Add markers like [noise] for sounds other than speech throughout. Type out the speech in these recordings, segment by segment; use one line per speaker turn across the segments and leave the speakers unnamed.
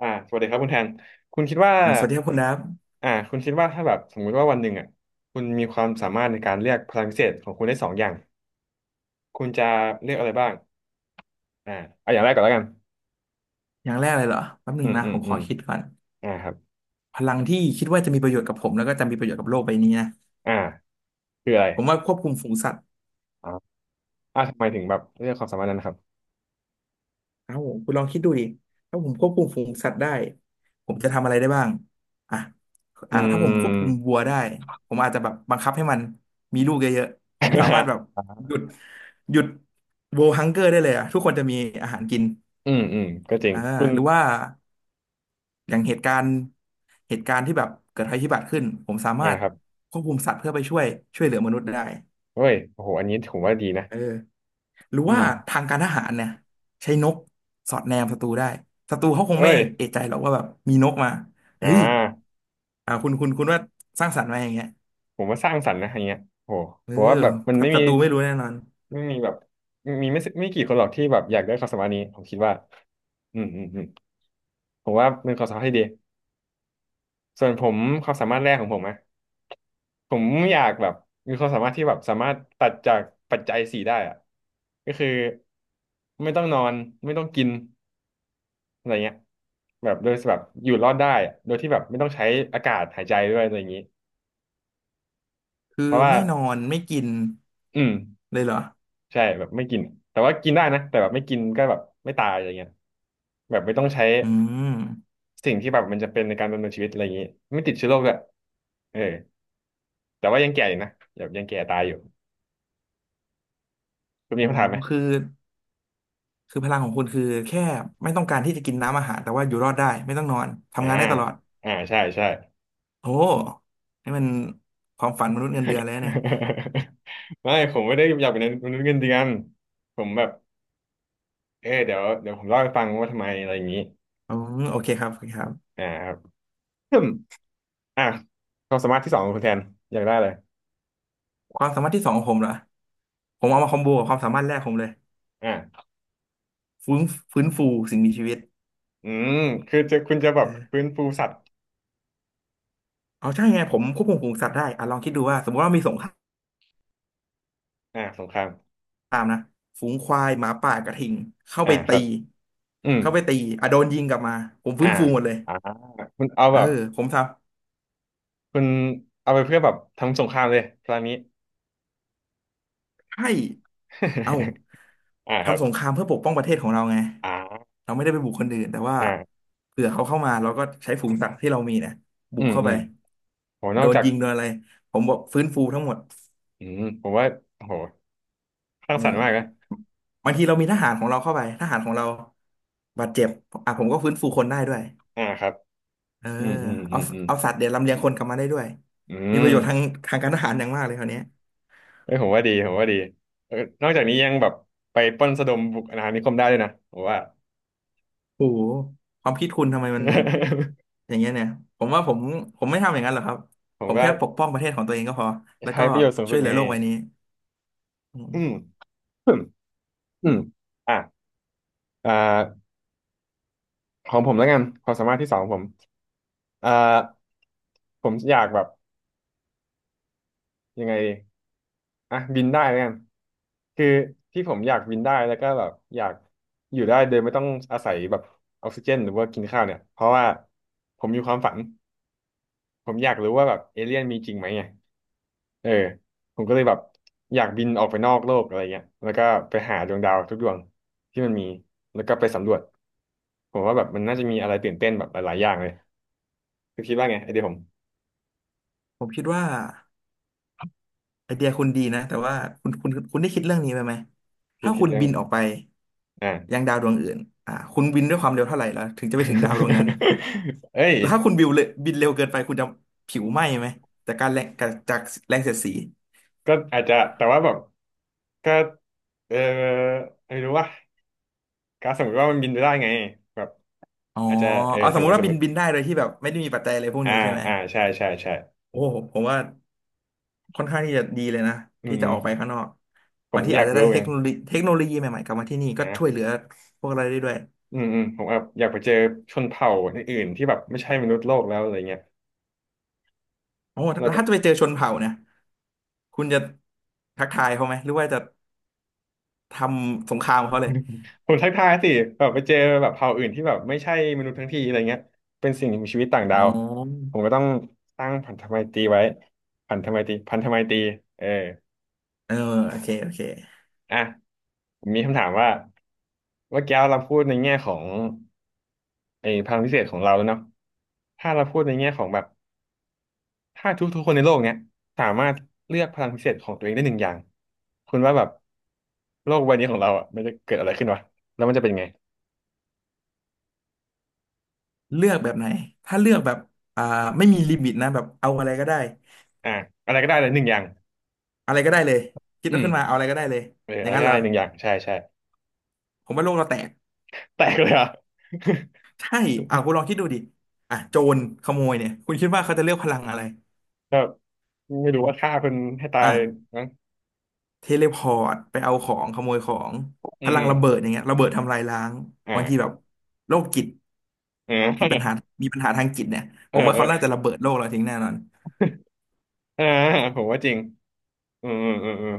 สวัสดีครับคุณแทนคุณคิดว่า
สวัสดีครับคุณดับ
คุณคิดว่าถ้าแบบสมมุติว่าวันหนึ่งอ่ะคุณมีความสามารถในการเรียกพลังพิเศษของคุณได้สองอย่างคุณจะเรียกอะไรบ้างอ่าเอาอย่างแรกก่อนแล้วกัน
อย่างแรกเลยเหรอแป๊บหนึ
อื
ง
ม
นะ
อืม
ผม
อื
ขอ
ม
คิดก่อน
ครับ
พลังที่คิดว่าจะมีประโยชน์กับผมแล้วก็จะมีประโยชน์กับโลกใบนี้นะ
อ่าคืออะไร
ผมว่าควบคุมฝูงสัตว์
อ่าทำไมถึงแบบเรียกความสามารถนั้นนะครับ
ครับผมคุณลองคิดดูดิถ้าผมควบคุมฝูงสัตว์ได้ผมจะทำอะไรได้บ้างอ่ะ
อื
ถ้าผมควบ
ม
คุมวัวได้ผมอาจจะแบบบังคับให้มันมีลูกเยอะๆผมสามารถแบบ
[laughs]
หยุดหยุดโวฮังเกอร์ได้เลยอ่ะทุกคนจะมีอาหารกิน
อืมอืมก็จริง
อ่า
คุณ
หรือว่า อย่างเหตุการณ์ที่แบบเกิดภัยพิบัติขึ้นผมสามารถ
ครับ
ควบคุมสัตว์เพื่อไปช่วยเหลือมนุษย์ได้
เอ้ยโอ้โหอันนี้ผมว่าดีนะ
เออหรือ
อื
ว่า
ม
ทางการทหารเนี่ยใช้นกสอดแนมศัตรูได้ศัตรูเขาคง
เอ้
ไม่
ย
เอะใจหรอกว่าแบบมีนกมาเฮ้
อ่า
ยอ่าคุณว่าสร้างสรรค์ไหมาอย่างเงี้ย
ผมว่าสร้างสรรค์นะอันเนี้ยโอ้โห
เอ
ผ
อ
มว่าแบบมันไม่
ศั
มี
ตรูไม่รู้แน่นอน
ไม่มีแบบมีไม่กี่คนหรอกที่แบบอยากได้ความสามารถนี้ผมคิดว่าอืมอืมอืมผมว่าเป็นความสามารถที่ดีส่วนผมความสามารถแรกของผมอะผมอยากแบบมีความสามารถที่แบบสามารถตัดจากปัจจัยสี่ได้อะก็คือไม่ต้องนอนไม่ต้องกินอะไรเงี้ยแบบโดยแบบอยู่รอดได้อะโดยที่แบบไม่ต้องใช้อากาศหายใจด้วยอะไรอย่างนี้
คือ
เพราะว่า
ไม่นอนไม่กิน
อืม
เลยเหรอ
ใช่แบบไม่กินแต่ว่ากินได้นะแต่แบบไม่กินก็แบบไม่ตายอะไรเงี้ยแบบไม่ต้องใช้
อืม
สิ่งที่แบบมันจะเป็นในการดำเนินชีวิตอะไรอย่างนี้ไม่ติดเชื้อโรคด้วยเออแต่ว่ายังแก่อยู่นะแบบยังแก่ตายอยู่คุณมี
อ๋อ
คำถามไหม
คือคือพลังของคุณคือแค่ไม่ต้องการที่จะกินน้ำอาหารแต่ว่าอยู่รอดได้ไม่ต้องนอน
อ่า
ทำงานได้ตลอด
อ่าใช่ใช่
โอ้นี่มันความฝันมนุษย์เงินเดือนเลยนะเนี่ย
[laughs] ไม่ผมไม่ได้อยากเป็นมนุษย์เงินเดือนผมแบบเออเดี๋ยวผมเล่าให้ฟังว่าทำไมอะไรอย่างนี้
อืมโอเคครับโอเคครับ
ครับอืมอ่ะความสามารถที่สองของคุณแทนอยากได้เลย
ความสามารถที่สองของผมเหรอผมเอามาคอมโบกับความสามารถแรกผมเลย
อ่า
ฟื้นฟื้นฟูสิ่งมีชีวิต
อืมคือจะคุณจะแบ
เอ
บ
อ
ฟื้นฟูสัตว์
เอาใช่ไงผมควบคุมฝูงสัตว์ได้อ่ะลองคิดดูว่าสมมติว่ามีสงครา
สงคราม
มนะฝูงควายหมาป่ากระทิงเข้าไป
ค
ตี
รับอืม
เข้าไปตีอ่ะโดนยิงกลับมาผมฟื้
อ่า
นฟูหมดเลย
อ่าคุณเอา
เอ
แบ
อ
บ
ผมทำ
คุณเอาไปเพื่อแบบทำสงครามเลยพลานี้
ใช่เอ้า
[laughs] ครับ
ทำสงครามเพื่อปกป้องประเทศของเราไง
อ่า
เราไม่ได้ไปบุกคนอื่นแต่ว่า
อ่า
เผื่อเขาเข้ามาเราก็ใช้ฝูงสัตว์ที่เรามีเนี่ยบุ
อื
ก
ม
เข้า
อื
ไป
มโหน
โด
อก
น
จาก
ยิงโดนอะไรผมบอกฟื้นฟูทั้งหมด
อืมผมว่าโหสร้าง
เอ
สรร
อ
ค์มากนะ
บางทีเรามีทหารของเราเข้าไป ทหารของเราบาดเจ็บอ่ะผมก็ฟื้นฟูคนได้ด้วย
ครับ
เออ
อืมอืมอื
เอา
มอืม
เอาสัตว์เดี๋ยวลำเลียงคนกลับมาได้ด้วย
อื
มีป
ม
ระโยชน์ทางทางการทหารอย่างมากเลยคราวเนี้ย
เอ้ยผมว่าดีผมว่าดีเออนอกจากนี้ยังแบบไปปล้นสะดมบุกอาณานิคมได้ด้วยนะผมว่า
โอ้โหความคิดคุณทำไมมัน
[laughs]
อย่างเงี้ยเนี่ยผมว่าผมไม่ทำอย่างนั้นหรอกครับ
ผ
ผ
ม
ม
ก็
แค่ปกป้องประเทศของตัวเองก็พอแล้ว
ใช้
ก็
ประโยชน์สูง
ช่
สุ
วย
ด
เหลื
ไง
อโลกใบนี้อื
อืม
ม
อืมอืมอ่ะอ่าของผมแล้วกันความสามารถที่สองของผมอ่าผมอยากแบบยังไง อ่ะบินได้แล้วกันคือที่ผมอยากบินได้แล้วก็แบบอยากอยู่ได้โดยไม่ต้องอาศัยแบบออกซิเจนหรือว่ากินข้าวเนี่ยเพราะว่าผมมีความฝันผมอยากรู้ว่าแบบเอเลี่ยนมีจริงไหมไงเออผมก็เลยแบบอยากบินออกไปนอกโลกอะไรเงี้ยแล้วก็ไปหาดวงดาวทุกดวงที่มันมีแล้วก็ไปสำรวจผมว่าแบบมันน่าจะมีอะไรตื่นเต้นแบบหลายๆอย่างเลยคือคิดว่าไงไอเดียผม
ผมคิดว่าไอเดียคุณดีนะแต่ว่าคุณได้คิดเรื่องนี้ไปไหม
คิด
ถ้า
คิ
คุ
ด
ณ
เรื่อง
บินออกไป
อ่า
ยังดาวดวงอื่นคุณบินด้วยความเร็วเท่าไหร่แล้วถึงจะไปถึงดาวดวงนั้น
[laughs] เอ้ย
แล้วถ้าคุณบิวเลยบินเร็วเกินไปคุณจะผิวไหม้ไหมจากการแรงจากแรงเสียดสี
ก็อาจจะแต่ว่าแบบก็เออไม่รู้ว่าก็สมมติว่ามันบินไปได้ไงแบบ
อ๋อ
อาจจะเออ
เอาส
ส
ม
ม
มุ
ม
ติ
ติ
ว่า
สม
บิ
ม
น
ติ
บินได้โดยที่แบบไม่ได้มีปัจจัยอะไรพวก
อ่า
นี้ใช่ไหม
อ่าใช่ใช่ใช่
โอ้ผมว่า ค่อนข้างที่จะดีเลยนะ
อืม
ที่
อื
จะ
ม
ออกไปข้างนอก
ผ
บา
ม
งที
ก็อ
อา
ยา
จ
ก
จะ
รู้
ได้
เห
เท
อ
ค
น
โนโล
น
ยีเทคโนโลยีใหม่ๆกลับมาที่นี่ก็ช่วยเห
นะ
ลือพวกเราได้ด้วย
อืมอืมผมแบบอยากไปเจอชนเผ่าอื่นๆที่แบบไม่ใช่มนุษย์โลกแล้วอะไรเงี้ย
โอ้
แล้ว
แล้ว
ก็
ถ้าจะไปเจอชนเผ่าเนี่ยคุณจะทักทายเขาไหมหรือว่าจะทำสงครามกับเขาเลย
[laughs] ผมทักทายสิแบบไปเจอแบบเผ่าอื่นที่แบบไม่ใช่มนุษย์ทั้งทีอะไรเงี้ยเป็นสิ่งมีชีวิตต่าง
อ๋
ดา
อ
วผมก็ต้องสร้างพันธไมตรีไว้พันธไมตรีเออ
เออโอเคโอเค
อ่ะผมมีคำถามว่าเมื่อกี้เราพูดในแง่ของไอ้พลังพิเศษของเราแล้วเนาะถ้าเราพูดในแง่ของแบบถ้าทุกๆคนในโลกเนี้ยสามารถเลือกพลังพิเศษของตัวเองได้หนึ่งอย่างคุณว่าแบบโลกใบนี้ของเราอ่ะมันจะเกิดอะไรขึ้นวะแล้วมันจะเป็นไง
เลือกแบบไหนถ้าเลือกแบบอ่าไม่มีลิมิตนะแบบเอาอะไรก็ได้
อ่ะอะไรก็ได้เลยหนึ่งอย่าง
อะไรก็ได้เลยคิด
อืม
ขึ้นมาเอาอะไรก็ได้เลย
เออ
อย่า
อะ
ง
ไร
นั้
ก็
นเห
ได้
รอ
เลยหนึ่งอย่างใช่ใช่
ผมว่าโลกเราแตก
แตกเลยเหรอ่ะ
ใช่อ่าคุณลองคิดดูดิอ่ะโจรขโมยเนี่ยคุณคิดว่าเขาจะเลือกพลังอะไร
[laughs] แบบไม่รู้ว่าฆ่าคนให้ตา
อ่ะ
ยนะ
เทเลพอร์ตไปเอาของขโมยของ
อื
พลังระเบิด
ม
อย่างเงี้ยระเบิดทำลายล้าง
อ่า
บางทีแบบโรคจิต
[laughs] เอ
มีปัญหา
อ
มีปัญหาทางจิตเนี่ย
เอ
ผ
อ
มว่า
เออ
เขาน่าจะระเบิดโลกเราทิ้งแน่นอน
อ่าผมว่าจริง อืมอืมอืมอืม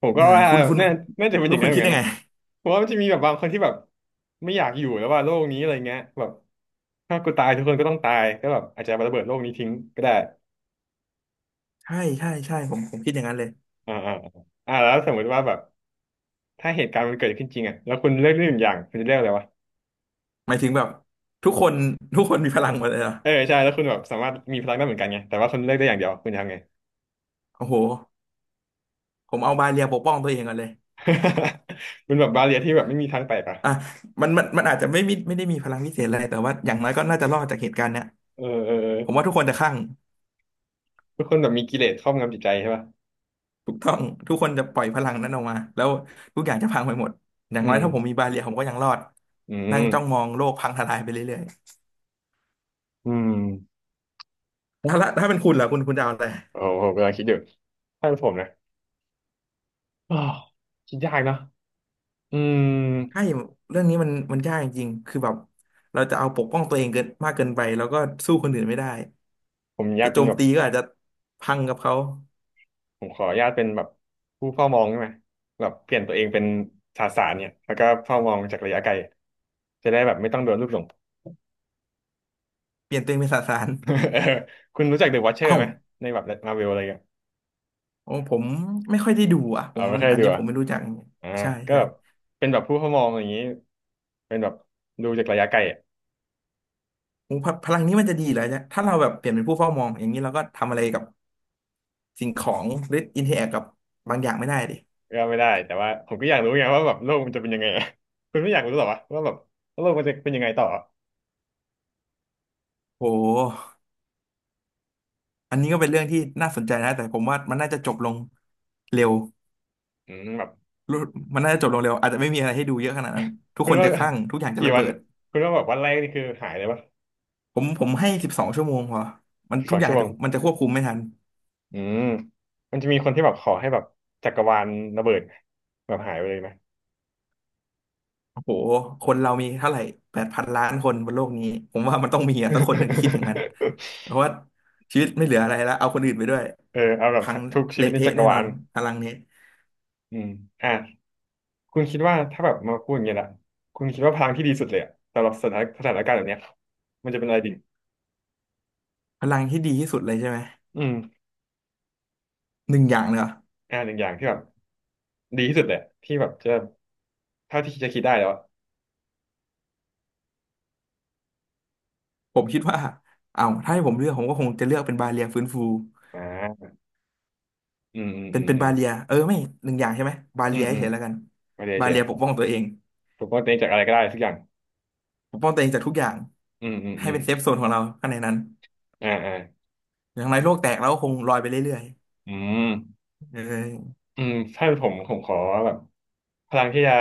ผมก็
อ่า
ว่า
คุณคุณ
น่า
คุ
น่าจะ
ณ
เป็นอ
ลูก
ย่าง
คุ
นั้น
ณ
เหมื
คิ
อ
ด
นกัน
ยังไง
นะผมว่ามันจะมีแบบบางคนที่แบบไม่อยากอยู่แล้วว่าโลกนี้อะไรเงี้ยแบบถ้ากูตายทุกคนก็ต้องตายก็แบบอาจจะระเบิดโลกนี้ทิ้งก็ได้
ใช่ใช่ใช่ผมคิดอย่างนั้นเลย
อ่าอ่าแล้วสมมติว่าแบบถ้าเหตุการณ์มันเกิดขึ้นจริงอ่ะแล้วคุณเลือกได้หนึ่งอย่างคุณจะเลือกอะไรวะ
หมายถึงแบบทุกคนทุกคนมีพลังหมดเลยเหรอ
เออใช่แล้วคุณแบบสามารถมีพลังได้เหมือนกันไงแต่ว่าคุณเลือกได้อย่างเดียวคุณจะทำไง
โอ้โหผมเอาบาเรียปกป้องตัวเองก่อนเลย
[laughs] มันแบบบาเรียที่แบบไม่มีทางแตกอ่ะ
อ่ะมันอาจจะไม่มีไม่ได้มีพลังพิเศษอะไรแต่ว่าอย่างน้อยก็น่าจะรอดจากเหตุการณ์เนี้ย
เออเออเอ
ผม
อ
ว่าทุกคนจะคลั่ง
ทุกคนแบบมีกิเลสครอบงำจิตใจใช่ป่ะ
ถูกต้องทุกคนจะปล่อยพลังนั้นออกมาแล้วทุกอย่างจะพังไปหมดอย่า
อื
งไร
ม
ถ้าผมมีบาเรียผมก็ยังรอด
อื
นั่งจ้องม
ม
องโลกพังทลายไปเรื่อย
อืม
ๆแล้วละถ้าเป็นคุณล่ะคุณจะเอาอะไร
โอ้ผมกำลังคิดอยู่ถ้าเป็นผมนะอ้าว [sighs] คิดยากเนาะอืม
ใช่เรื่องนี้มันยากจริงๆคือแบบเราจะเอาปกป้องตัวเองเกินมากเกินไปแล้วก็สู้คนอื่นไม่ได้
ผมอยา
จะ
กเป็
โจ
น
ม
แบบ
ตีก็อาจจะพังกับเขา
ผมขออนุญาตเป็นแบบผู้เฝ้ามองได้ไหมแบบเปลี่ยนตัวเองเป็นสาสารเนี่ยแล้วก็เฝ้ามองจากระยะไกลจะได้แบบไม่ต้องโดนลูกหลง
เปลี่ยนตัวเองเป็นสสาร
[laughs] เออคุณรู้จักเดอะวอ เชอ
เอ้า
ร์ไหมในแบบมาเวลอะไรเงี้ย
ของผมไม่ค่อยได้ดูอ่ะผ
เอา
ม
ไม่เคย
อัน
ดู
นี้ผ
อะ
มไม่รู้จัก
อ่า
ใช่
ก็
ใช่
แบบเป็นแบบผู้เฝ้ามองอย่างนี้เป็นแบบดูจากระยะไกลอะ
โอ้พพลังนี้มันจะดีเหรอเนี่ยถ้าเราแบบเปลี่ยนเป็นผู้เฝ้ามองอย่างนี้เราก็ทำอะไรกับ สิ่งของหรืออินเทอร์แอคกับบางอย่างไม่ได้ดิ
ก็ไม่ได้แต่ว่าผมก็อยากรู้ไงว่าแบบโลกมันจะเป็นยังไงอะคุณไม่อยากรู้หรอวะว่าแบบโลกมันจะเป็นยังไงต่อ
โหอันนี้ก็เป็นเรื่องที่น่าสนใจนะแต่ผมว่ามันน่าจะจบลงเร็ว
อืมแบบ
รู้มันน่าจะจบลงเร็วอาจจะไม่มีอะไรให้ดูเยอะขนาดนั้นทุก
คุ
ค
ณ
น
ว่า
จะคลั่งทุกอย่าง
[laughs]
จะ
กี่
ระ
วั
เบิ
น
ด
อะคุณว่าแบบวันแรกนี่คือหายเลยปะ
ผมให้12 ชั่วโมงพอมัน
สิบ
ทุ
ส
ก
อง
อย่า
ชั่
ง
วโม
จะ
ง
มันจะควบคุมไม่ทัน
อืมมันจะมีคนที่แบบขอให้แบบจักรวาลระเบิดแบบหายไปเลยไหม
โอ้โหคนเรามีเท่าไหร่8,000,000,000 คนบนโลกนี้ผมว่ามันต้องมีอะสักคนหนึ่งที่คิดอย่างนั้น
[laughs]
เพราะว่าชีวิตไม่เหลืออะไรแล้วเอาคนอื่นไปด้วย
เออเอาแบบ
พัง
ทุกชีวิ
เละ
ตในจั
เทะ
กร
แน่น
วา
อน
ล
พลังนี้
อืมอ่ะคุณคิดว่าถ้าแบบมาพูดอย่างเงี้ยละคุณคิดว่าพลังที่ดีสุดเลยอะสำหรับสถานการณ์แบบเนี้ยมันจะเป็นอะไรดี
พลังที่ดีที่สุดเลยใช่ไหม
อืม
หนึ่งอย่างเลยเหรอ
อ่ะหนึ่งอย่างที่แบบดีที่สุดเลยอะที่แบบจะเท่าที่จะคิดได้แล้วอะ
ผมคิดว่าเอาถ้าให้ผมเลือกผมก็คงจะเลือกเป็นบาเลียฟื้นฟู
อ่าอืมอืม
เป็น
อืม
เป็น
อืม
บาเลียเออไม่หนึ่งอย่างใช่ไหมบา
อื
เลี
ม
ย
อื
เฉ
ม
ยๆแล้วกัน
ไม่ได้
บา
เชีย
เลี
ร์
ยปกป้องตัวเอง
ผมก็เต็งจากอะไรก็ได้สักอย่าง
ปกป้องตัวเองจากทุกอย่าง
อืมอืม
ให้
อืม
เป็นเซฟโซนของเราข้างในนั้น
อ่าอ่า
อย่างไรโลกแตกเราก็คงลอยไปเรื่อย
อืม
ๆเออ
อืมถ้าเป็นผมขอแบบพลังที่จะ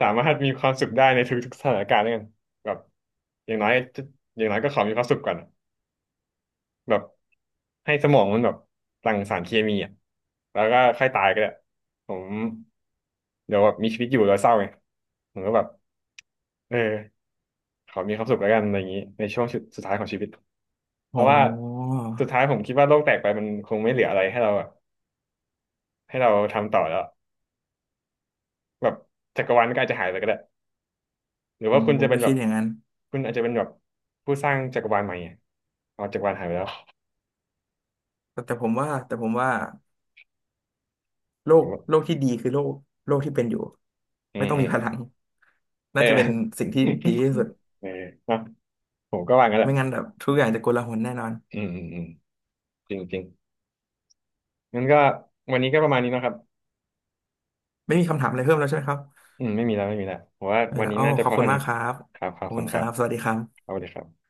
สามารถมีความสุขได้ในทุกๆสถานการณ์แล้วกันแบบอย่างน้อยจะอย่างน้อยก็ขอมีความสุขก่อนอะแบบให้สมองมันแบบหลั่งสารเคมีอ่ะแล้วก็ค่อยตายก็ได้ผมเดี๋ยวแบบมีชีวิตอยู่แล้วเศร้าไงผมก็แบบเออขอมีความสุขแล้วกันอะไรอย่างนี้ในช่วงสุดท้ายของชีวิตเพ
โอ
ราะว่า
้
สุดท้ายผมคิดว่าโลกแตกไปมันคงไม่เหลืออะไรให้เรา ให้เราทำต่อแล้วแบบจักรวาลมก็อาจจะหายไปก็ได้หรือ
ผ
ว่า
ม
คุณ
ผ
จะ
ม
เป็
ก็
นแบ
คิ
บ
ดอย่างนั้น
คุณอาจจะเป็นแบบผู้สร้างจักรวาลใหม่อะเอาจักรวาลหายไปแล้ว
แต่ผมว่าโล
ผ
ก
มว่า
โลกที่ดีคือโลกโลกที่เป็นอยู่
อื
ไม่
ม
ต้อง
อื
มี
ม
พลัง
เอ
น่า
อ
จะเป็นสิ่งที่ดีที่สุด
[laughs] เออเนอะผมก็ว่างั้นแหละ
ไม่งั้นแบบทุกอย่างจะโกลาหลแน่นอน
อืมอืมอืมจริงจริงงั้นก็วันนี้ก็ประมาณนี้เนอะครับ
ไม่มีคำถามอะไรเพิ่มแล้วใช่ไหมครับ
อืมไม่มีแล้วไม่มีแล้วผมว่า
เว
วัน
ลา
นี้
โอ้
น่าจะ
ขอ
พ
บ
อ
คุ
เท่า
ณมา
นี้
กครับ
ครับครั
ข
บ
อบ
ขอบคุ
คุ
ณ
ณค
ครั
รั
บ
บ สวัสดีครับ
เอาเลยครับ